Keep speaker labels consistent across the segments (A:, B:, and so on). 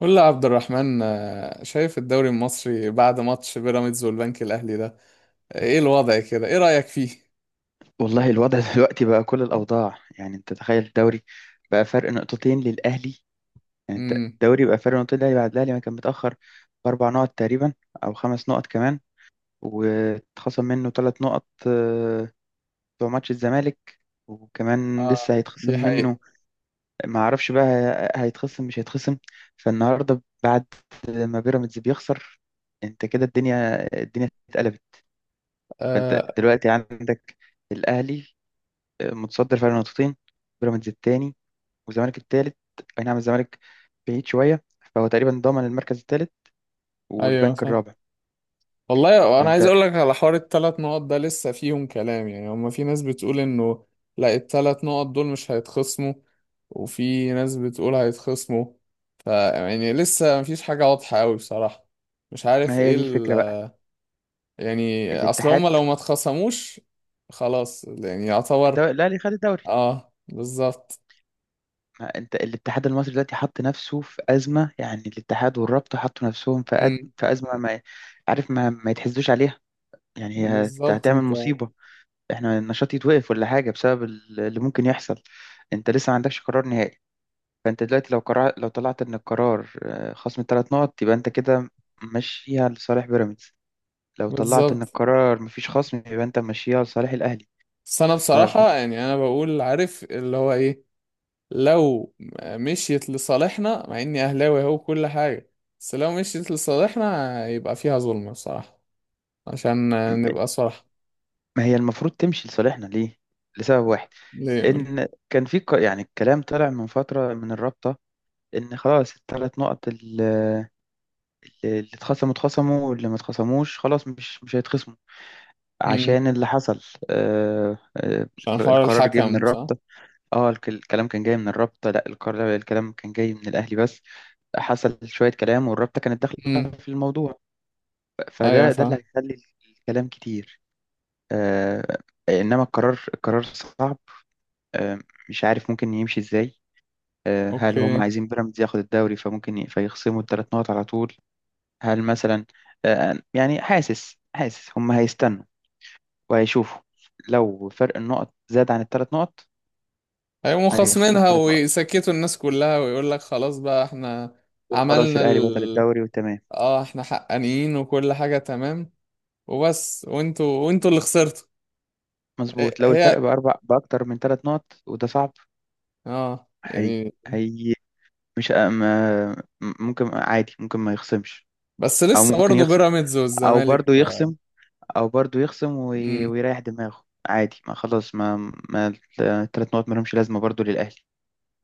A: قول لي يا عبد الرحمن شايف الدوري المصري بعد ماتش بيراميدز والبنك الأهلي ده؟ ايه الوضع كده، ايه رأيك فيه؟
B: والله الوضع دلوقتي بقى كل الأوضاع، يعني أنت تخيل الدوري بقى فرق 2 نقطتين للأهلي. يعني أنت
A: امم
B: الدوري بقى فرق نقطتين للأهلي بعد الأهلي ما كان متأخر بـ4 نقط تقريبا أو 5 نقط كمان. واتخصم منه 3 نقط بتوع ماتش الزمالك، وكمان لسه
A: اه،
B: هيتخصم
A: دي حقيقة.
B: منه. ما أعرفش بقى، هيتخصم مش هيتخصم. فالنهاردة بعد ما بيراميدز بيخسر، أنت كده الدنيا اتقلبت. فأنت
A: آه،
B: دلوقتي عندك الأهلي متصدر فرق 2 نقطتين، بيراميدز التاني، والزمالك التالت. اي نعم، الزمالك بعيد شوية، فهو تقريبا ضامن المركز التالت
A: ايوه
B: والبنك
A: صح.
B: الرابع.
A: والله انا عايز
B: فانت،
A: اقول لك على حوار الثلاث نقط ده لسه فيهم كلام، يعني هما في ناس بتقول انه لا الثلاث نقط دول مش هيتخصموا، وفي ناس بتقول هيتخصموا. ف يعني لسه مفيش حاجة واضحة قوي بصراحة. مش
B: ما
A: عارف
B: هي
A: ايه
B: دي
A: ال...
B: الفكرة بقى.
A: يعني اصل هما
B: الاتحاد،
A: لو ما اتخصموش خلاص يعني يعتبر.
B: لا، اللي خد الدوري.
A: اه بالظبط.
B: ما انت الاتحاد المصري دلوقتي حط نفسه في أزمة، يعني الاتحاد والرابطة حطوا نفسهم في
A: امم
B: في أزمة ما عارف، ما يتحسدوش عليها. يعني هي
A: بالظبط
B: هتعمل
A: انت.
B: مصيبة. احنا النشاط يتوقف ولا حاجة بسبب اللي ممكن يحصل. انت لسه ما عندكش قرار نهائي. فانت دلوقتي لو قرار، لو طلعت ان القرار خصم ثلاث نقط، يبقى انت كده ماشيها لصالح بيراميدز. لو طلعت ان
A: بالظبط.
B: القرار مفيش خصم يبقى انت ماشيها لصالح الاهلي.
A: بس انا
B: فما،
A: بصراحة يعني انا بقول، عارف اللي هو ايه، لو مشيت لصالحنا مع اني اهلاوي اهو كل حاجة، بس لو مشيت لصالحنا يبقى فيها ظلم بصراحة، عشان نبقى صراحة.
B: هي المفروض تمشي لصالحنا ليه؟ لسبب واحد،
A: ليه يقول؟
B: ان كان في يعني الكلام طلع من فترة من الرابطة ان خلاص الثلاث نقط اللي اتخصموا اتخصموا، واللي ما اتخصموش خلاص مش هيتخصموا.
A: امم
B: عشان اللي حصل آه، آه،
A: عشان حوار
B: القرار جه من
A: الحكم صح.
B: الرابطة. اه الكلام كان جاي من الرابطة، لا الكلام كان جاي من الأهلي بس. حصل شوية كلام والرابطة كانت داخلة
A: امم
B: في الموضوع.
A: ايوه
B: فده اللي
A: فاهم.
B: هيخلي الكلام كتير. آه، إنما القرار صعب. آه، مش عارف ممكن يمشي إزاي. آه، هل هم
A: اوكي.
B: عايزين بيراميدز ياخد الدوري فممكن فيخصموا الثلاث نقط على طول؟ هل مثلا، يعني حاسس هم هيستنوا وهيشوفوا لو فرق النقط زاد عن الثلاث نقط،
A: هيقوموا
B: هيخصموا
A: خاصمينها
B: الثلاث نقط
A: ويسكتوا الناس كلها ويقول لك خلاص بقى، احنا
B: وخلاص
A: عملنا،
B: الأهلي بطل الدوري وتمام.
A: اه احنا حقانيين وكل حاجة تمام، وبس، وانتوا اللي خسرتوا.
B: مظبوط. لو الفرق
A: هي،
B: بأربع، بأكتر من 3 نقط، وده صعب.
A: اه
B: هي
A: يعني،
B: هي مش ما- ممكن عادي، ممكن ما يخصمش،
A: بس
B: أو
A: لسه
B: ممكن
A: برضه
B: يخصم،
A: بيراميدز
B: أو
A: والزمالك
B: برضو
A: ف...
B: يخصم،
A: امم
B: ويريح دماغه عادي، ما خلاص، ما الـ3 نقط مالهمش لازمة برضو للأهلي.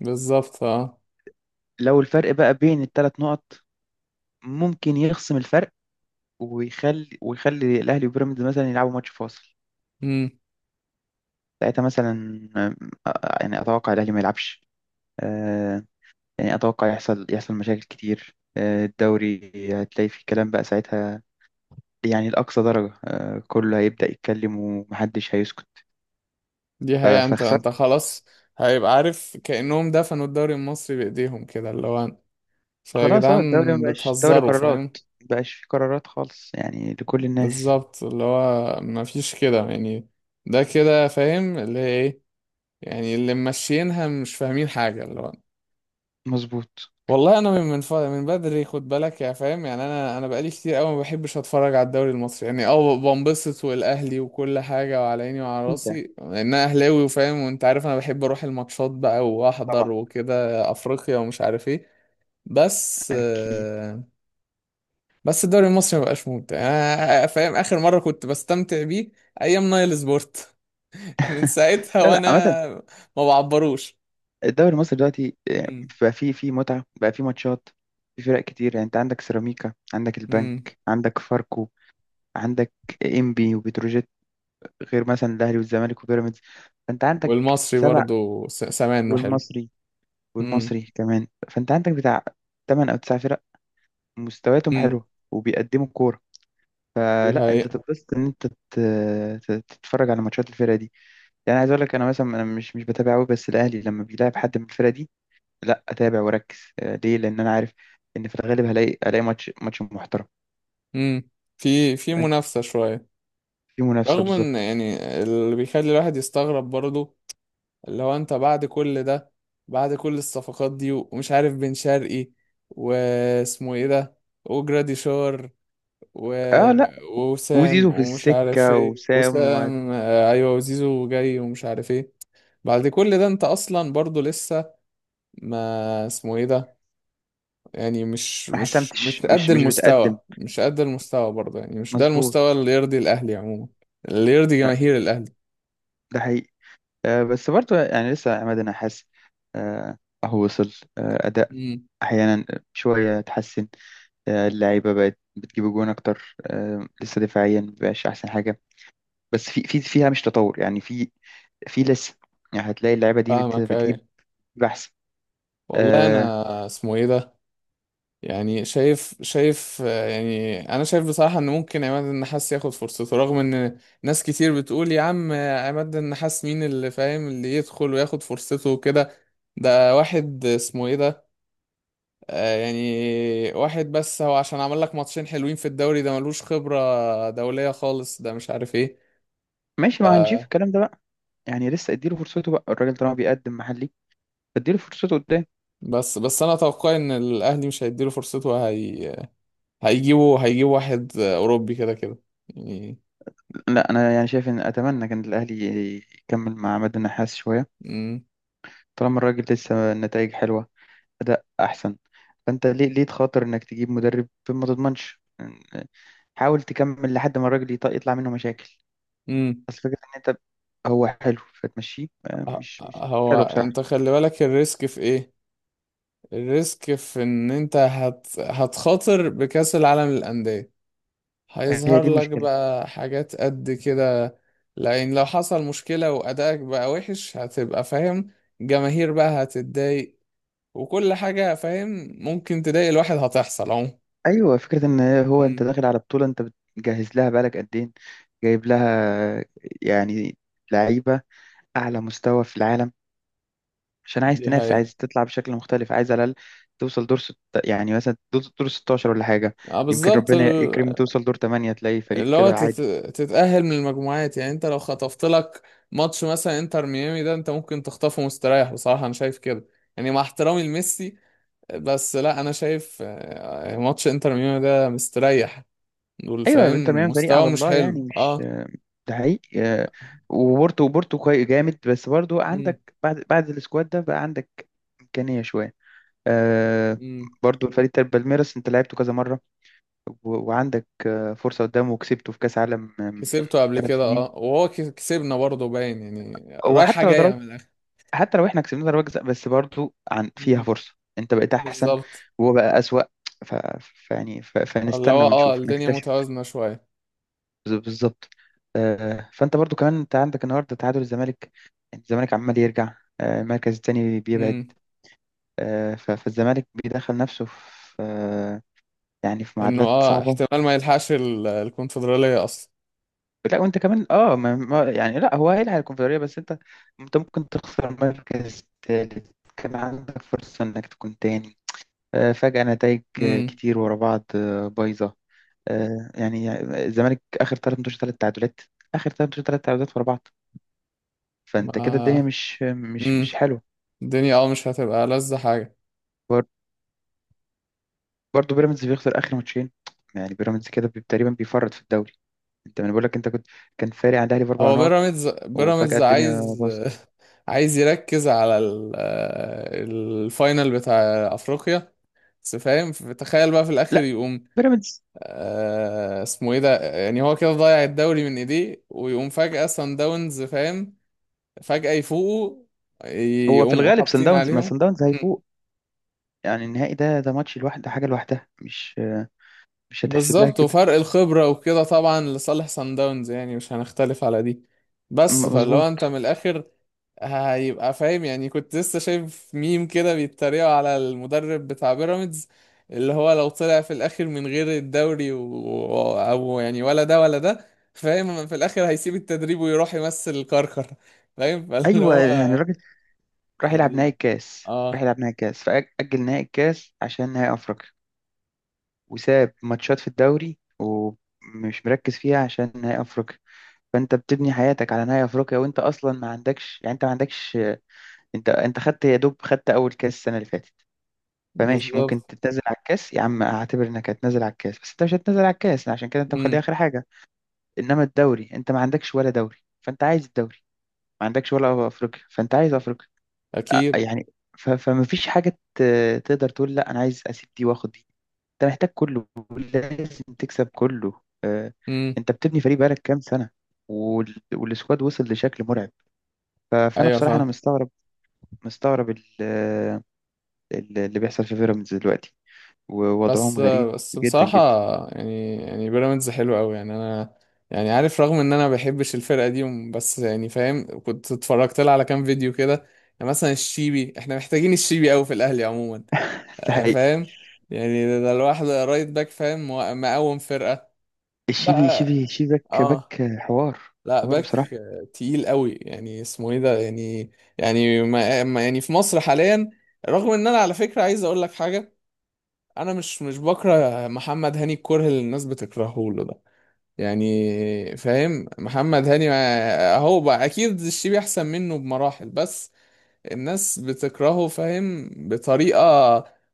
A: بالظبط اه.
B: لو الفرق بقى بين الثلاث نقط، ممكن يخصم الفرق ويخلي الأهلي وبيراميدز مثلا يلعبوا ماتش فاصل.
A: امم
B: ساعتها مثلا، يعني أتوقع الأهلي ما يلعبش. آه، يعني أتوقع يحصل مشاكل كتير. الدوري هتلاقي فيه كلام بقى ساعتها، يعني لأقصى درجة. كله هيبدأ يتكلم ومحدش هيسكت.
A: دي هي، انت
B: فخسرت.
A: انت خلاص، هيبقى عارف كأنهم دفنوا الدوري المصري بإيديهم، كده اللي هو، فيا
B: خلاص، اه الدوري
A: جدعان
B: مبقاش دوري
A: بتهزروا،
B: قرارات،
A: فاهم.
B: مبقاش فيه قرارات خالص يعني لكل الناس.
A: بالظبط، اللي هو مفيش كده يعني، ده كده فاهم اللي هي ايه، يعني اللي ماشيينها مش فاهمين حاجة اللي هو.
B: مظبوط.
A: والله انا من بدري، خد بالك يا فاهم، يعني انا بقالي كتير قوي ما بحبش اتفرج على الدوري المصري. يعني اه بنبسط، والاهلي وكل حاجه وعلى عيني وعلى
B: انت،
A: راسي، لان انا اهلاوي وفاهم، وانت عارف انا بحب اروح الماتشات بقى واحضر
B: طبعا،
A: وكده افريقيا ومش عارف ايه. بس
B: اكيد.
A: بس الدوري المصري ما بقاش ممتع يعني. انا فاهم اخر مره كنت بستمتع بيه ايام نايل سبورت. من ساعتها
B: لا لا،
A: وانا
B: عامة
A: ما بعبروش.
B: الدوري المصري دلوقتي بقى فيه متعة بقى فيه ماتشات. في فرق كتير، يعني انت عندك سيراميكا، عندك البنك،
A: امم
B: عندك فاركو، عندك انبي وبتروجيت، غير مثلا الاهلي والزمالك وبيراميدز. فانت عندك
A: والمصري
B: سبع،
A: برضو سمانه حلو.
B: والمصري،
A: مم.
B: والمصري كمان، فانت عندك بتاع 8 او 9 فرق مستوياتهم
A: امم
B: حلوه وبيقدموا كوره.
A: دي
B: فلا، انت
A: حقيقة.
B: تبسط ان انت تتفرج على ماتشات الفرقه دي. يعني عايز اقول لك، انا مثلا انا مش بتابع قوي، بس الاهلي لما بيلعب حد من الفرقه دي، لا اتابع واركز. ليه؟ لان انا عارف ان في الغالب هلاقي ماتش محترم
A: امم في في منافسة شوية،
B: في منافسه
A: رغم ان
B: بالظبط.
A: يعني، اللي بيخلي الواحد يستغرب برضه اللي هو، انت بعد كل ده، بعد كل الصفقات دي، ومش عارف بن شرقي، واسمه ايه ده، وجراديشار، و...
B: اه لا،
A: وسام،
B: وزيزو في
A: ومش عارف
B: السكه،
A: ايه،
B: وسام، وما
A: وسام، آه، ايوه، وزيزو جاي ومش عارف ايه. بعد كل ده انت اصلا برضه لسه، ما اسمه ايه ده، يعني مش مش مش قد
B: مش
A: المستوى،
B: بتقدم،
A: مش قد المستوى برضه، يعني مش ده المستوى
B: مظبوط.
A: اللي يرضي الأهلي عموما، اللي يرضي
B: لا
A: جماهير الأهلي.
B: ده حقيقي. بس برضه يعني لسه عماد النحاس، آه، أهو وصل. أداء
A: امم
B: أحيانا شوية اتحسن. اللعيبة بقت بتجيب جوان أكتر. لسه دفاعيا مبقاش أحسن حاجة، بس في فيها مش تطور، يعني في، في لسه يعني هتلاقي اللعيبة دي
A: فاهمك
B: بتجيب
A: أيوة.
B: أحسن.
A: والله
B: آه،
A: أنا اسمه إيه ده، يعني شايف آه، يعني أنا شايف بصراحة إن ممكن عماد النحاس ياخد فرصته، رغم إن ناس كتير بتقول يا عم، عماد النحاس مين اللي فاهم اللي يدخل وياخد فرصته وكده. ده واحد اسمه إيه ده، يعني واحد، بس هو عشان عمل لك ماتشين حلوين في الدوري، ده ملوش خبرة دولية خالص، ده مش عارف ايه.
B: ماشي، ما هنشوف الكلام ده بقى، يعني لسه اديله فرصته بقى الراجل طالما بيقدم محلي، اديله فرصته قدام.
A: بس انا اتوقع ان الاهلي مش هيديله فرصته. هي هيجيبوا واحد اوروبي كده كده يعني.
B: لا انا يعني شايف ان اتمنى كان الاهلي يكمل مع عماد النحاس شويه،
A: امم
B: طالما الراجل لسه النتائج حلوه، أداء أحسن. فأنت ليه تخاطر إنك تجيب مدرب ما تضمنش؟ حاول تكمل لحد ما الراجل يطلع منه مشاكل.
A: امم
B: بس فكرة إن أنت هو حلو فتمشيه،
A: ه-
B: مش
A: هو
B: حلو بصراحة.
A: انت خلي بالك الريسك في ايه، الريسك في ان انت هتخاطر بكأس العالم للأندية.
B: هي
A: هيظهر
B: دي
A: لك
B: المشكلة.
A: بقى حاجات قد كده، لأن لو حصل مشكلة وأدائك بقى وحش، هتبقى فاهم، جماهير بقى هتتضايق وكل حاجة، فاهم، ممكن تضايق الواحد هتحصل عموما.
B: أيوة، فكرة إن هو أنت
A: مم.
B: داخل على بطولة أنت بتجهز لها بقالك قد إيه، جايب لها آه، يعني لعيبة أعلى مستوى في العالم، عشان عايز
A: دي
B: تنافس،
A: حقيقة.
B: عايز تطلع بشكل مختلف، عايز على الأقل توصل دور ست، يعني مثلا دور 16 ولا حاجة.
A: اه
B: يمكن
A: بالظبط.
B: ربنا يكرمه توصل دور 8، تلاقي فريق
A: اللي هو
B: كده عادي.
A: تتأهل من المجموعات، يعني انت لو خطفت لك ماتش مثلا انتر ميامي ده، انت ممكن تخطفه مستريح بصراحة، انا شايف كده. يعني مع احترامي لميسي، بس لا، انا شايف ماتش انتر ميامي ده مستريح، دول
B: أيوة انتر
A: فاهم
B: ميامي فريق
A: مستوى
B: على
A: مش
B: الله يعني،
A: حلو
B: مش
A: اه.
B: ده حقيقي. وبورتو، بورتو كويس جامد، بس برضو
A: امم
B: عندك بعد السكواد ده بقى عندك إمكانية شوية. آه،
A: امم
B: برضو الفريق بتاع بالميراس انت لعبته كذا مرة، وعندك فرصة قدامه، وكسبته في كأس عالم من
A: كسبته قبل
B: ثلاث
A: كده
B: سنين
A: اه، وهو كسبنا برضه، باين يعني
B: هو
A: رايحة
B: حتى لو
A: جاية من
B: ضربت،
A: الآخر.
B: حتى لو احنا كسبنا ضربة جزاء بس برضو عن فيها
A: امم
B: فرصة. انت بقيت احسن
A: بالظبط،
B: وهو بقى اسوأ. ف...
A: اللي
B: فنستنى
A: هو اه
B: ونشوف
A: الدنيا
B: نكتشف.
A: متوازنة شوية.
B: بالظبط. فانت برضو كمان انت عندك النهارده تعادل الزمالك، يعني الزمالك عمال يرجع. المركز التاني بيبعد.
A: امم
B: فالزمالك بيدخل نفسه في يعني في
A: انه
B: معادلات
A: اه
B: صعبة.
A: احتمال ما يلحقش الكونفدرالية اصلا.
B: لا وانت كمان اه ما... ما... يعني لا هو هيلعب الكونفدرالية بس انت، انت ممكن تخسر مركز تالت كان عندك فرصة انك تكون تاني. فجأة نتائج
A: امم
B: كتير ورا بعض بايظة. يعني الزمالك آخر 3 ماتشات 3 تعادلات، آخر 3 ماتشات 3 تعادلات ورا بعض. فأنت كده
A: ما،
B: الدنيا مش
A: امم
B: حلوة.
A: الدنيا اه مش هتبقى لذة حاجة.
B: بر- برضه بيراميدز بيخسر آخر ماتشين، يعني بيراميدز كده تقريبا بيفرط في الدوري. أنت، ما أنا بقول لك، أنت كنت، كان فارق عن الأهلي بأربع
A: هو
B: نقط
A: بيراميدز
B: وفجأة
A: بيراميدز
B: الدنيا
A: عايز
B: باظت.
A: عايز يركز على الفاينل بتاع افريقيا. بس فاهم، تخيل بقى في الاخر
B: لا
A: يقوم
B: بيراميدز،
A: اسمه ايه ده، يعني هو كده ضيع الدوري من ايديه، ويقوم فجأة سان داونز فاهم، فجأة يفوقوا،
B: هو في
A: يقوموا
B: الغالب سان
A: حاطين
B: داونز، ما سان
A: عليهم.
B: داونز
A: مم.
B: هيفوق يعني. النهائي ده ده ماتش لوحده، حاجة لوحدها، مش مش هتحسب لها
A: بالظبط،
B: كده.
A: وفرق الخبرة وكده طبعا لصالح سان داونز، يعني مش هنختلف على دي. بس فلو انت
B: مظبوط.
A: من الاخر، هيبقى فاهم، يعني كنت لسه شايف ميم كده بيتريقوا على المدرب بتاع بيراميدز، اللي هو لو طلع في الاخر من غير الدوري و... او يعني ولا ده ولا ده، فاهم في الاخر هيسيب التدريب ويروح يمثل كركر، فاهم، فاللي
B: ايوه يعني
A: هو
B: الراجل راح يلعب نهائي
A: يعني
B: الكاس، راح
A: اه.
B: يلعب نهائي الكاس فأجل نهائي الكاس عشان نهائي أفريقيا، وساب ماتشات في الدوري ومش مركز فيها عشان نهائي أفريقيا. فأنت بتبني حياتك على نهائي أفريقيا، وأنت أصلا ما عندكش، يعني أنت ما عندكش، أنت خدت، يا دوب خدت أول كاس السنة اللي فاتت. فماشي، ممكن
A: بالظبط.
B: تتنازل على الكاس يا عم، اعتبر انك هتنازل على الكاس، بس انت مش هتنازل على الكاس عشان كده انت مخليه
A: امم
B: اخر حاجه. انما الدوري انت ما عندكش ولا دوري، فانت عايز الدوري، ما عندكش ولا افريقيا فانت عايز افريقيا.
A: اكيد.
B: يعني فما فيش حاجة تقدر تقول لا أنا عايز أسيب دي وآخد دي. أنت محتاج كله، لازم تكسب كله.
A: امم
B: أنت بتبني فريق بقالك كام سنة، والسكواد وصل لشكل مرعب. فأنا
A: ايوه
B: بصراحة أنا
A: فاهم.
B: مستغرب، مستغرب اللي بيحصل في بيراميدز دلوقتي، ووضعهم
A: بس
B: غريب
A: بس
B: جدا
A: بصراحة،
B: جدا.
A: يعني بيراميدز حلو قوي، يعني انا يعني عارف رغم ان انا ما بحبش الفرقة دي وم- بس، يعني فاهم، كنت اتفرجت لها على كام فيديو كده. يعني مثلا الشيبي، احنا محتاجين الشيبي قوي في الاهلي عموما.
B: ده حقيقي.
A: فاهم، يعني ده الواحد رايت باك، فاهم، مقوم فرقة
B: الشيبي، شيبي
A: بقى
B: شيبي باك،
A: اه.
B: باك حوار.
A: لا،
B: حوار
A: باك
B: بصراحة.
A: تقيل قوي، يعني اسمه ايه ده يعني. يعني يعني في مصر حاليا، رغم ان انا على فكرة عايز اقول لك حاجة، انا مش بكره محمد هاني الكره اللي الناس بتكرهه له ده، يعني فاهم، محمد هاني هو بقى اكيد الشيبي احسن منه بمراحل، بس الناس بتكرهه فاهم بطريقه،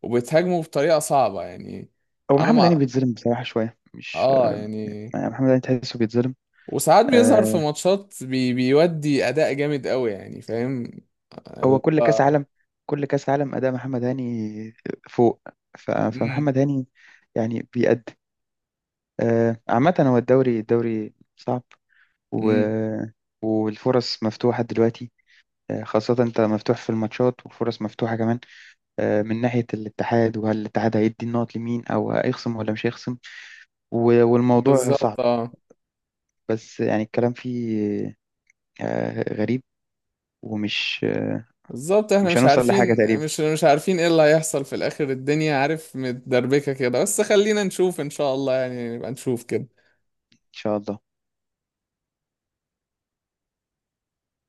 A: وبتهاجمه بطريقه صعبه يعني.
B: هو
A: انا
B: محمد هاني
A: مع،
B: بيتظلم بصراحة شوية، مش،
A: اه يعني،
B: محمد هاني تحسه بيتظلم.
A: وساعات بيظهر في
B: آه،
A: ماتشات بيودي اداء جامد قوي، يعني فاهم
B: هو
A: ال-
B: كل كاس
A: آه.
B: عالم، كل كاس عالم اداء محمد هاني فوق.
A: امم
B: فمحمد هاني يعني بيأدي. عامة هو الدوري، الدوري صعب، و...
A: امم
B: والفرص مفتوحة دلوقتي. خاصة انت مفتوح في الماتشات وفرص مفتوحة كمان. من ناحية الاتحاد، وهل الاتحاد هيدي النقط لمين او هيخصم ولا مش هيخصم، والموضوع صعب.
A: بالظبط اه.
B: بس يعني الكلام فيه غريب ومش،
A: بالظبط، احنا
B: مش
A: مش
B: هنوصل لحاجة
A: عارفين،
B: تقريبا.
A: مش عارفين ايه اللي هيحصل في الاخر، الدنيا عارف متدربكة كده، بس خلينا نشوف ان شاء الله، يعني نبقى نشوف كده.
B: ان شاء الله.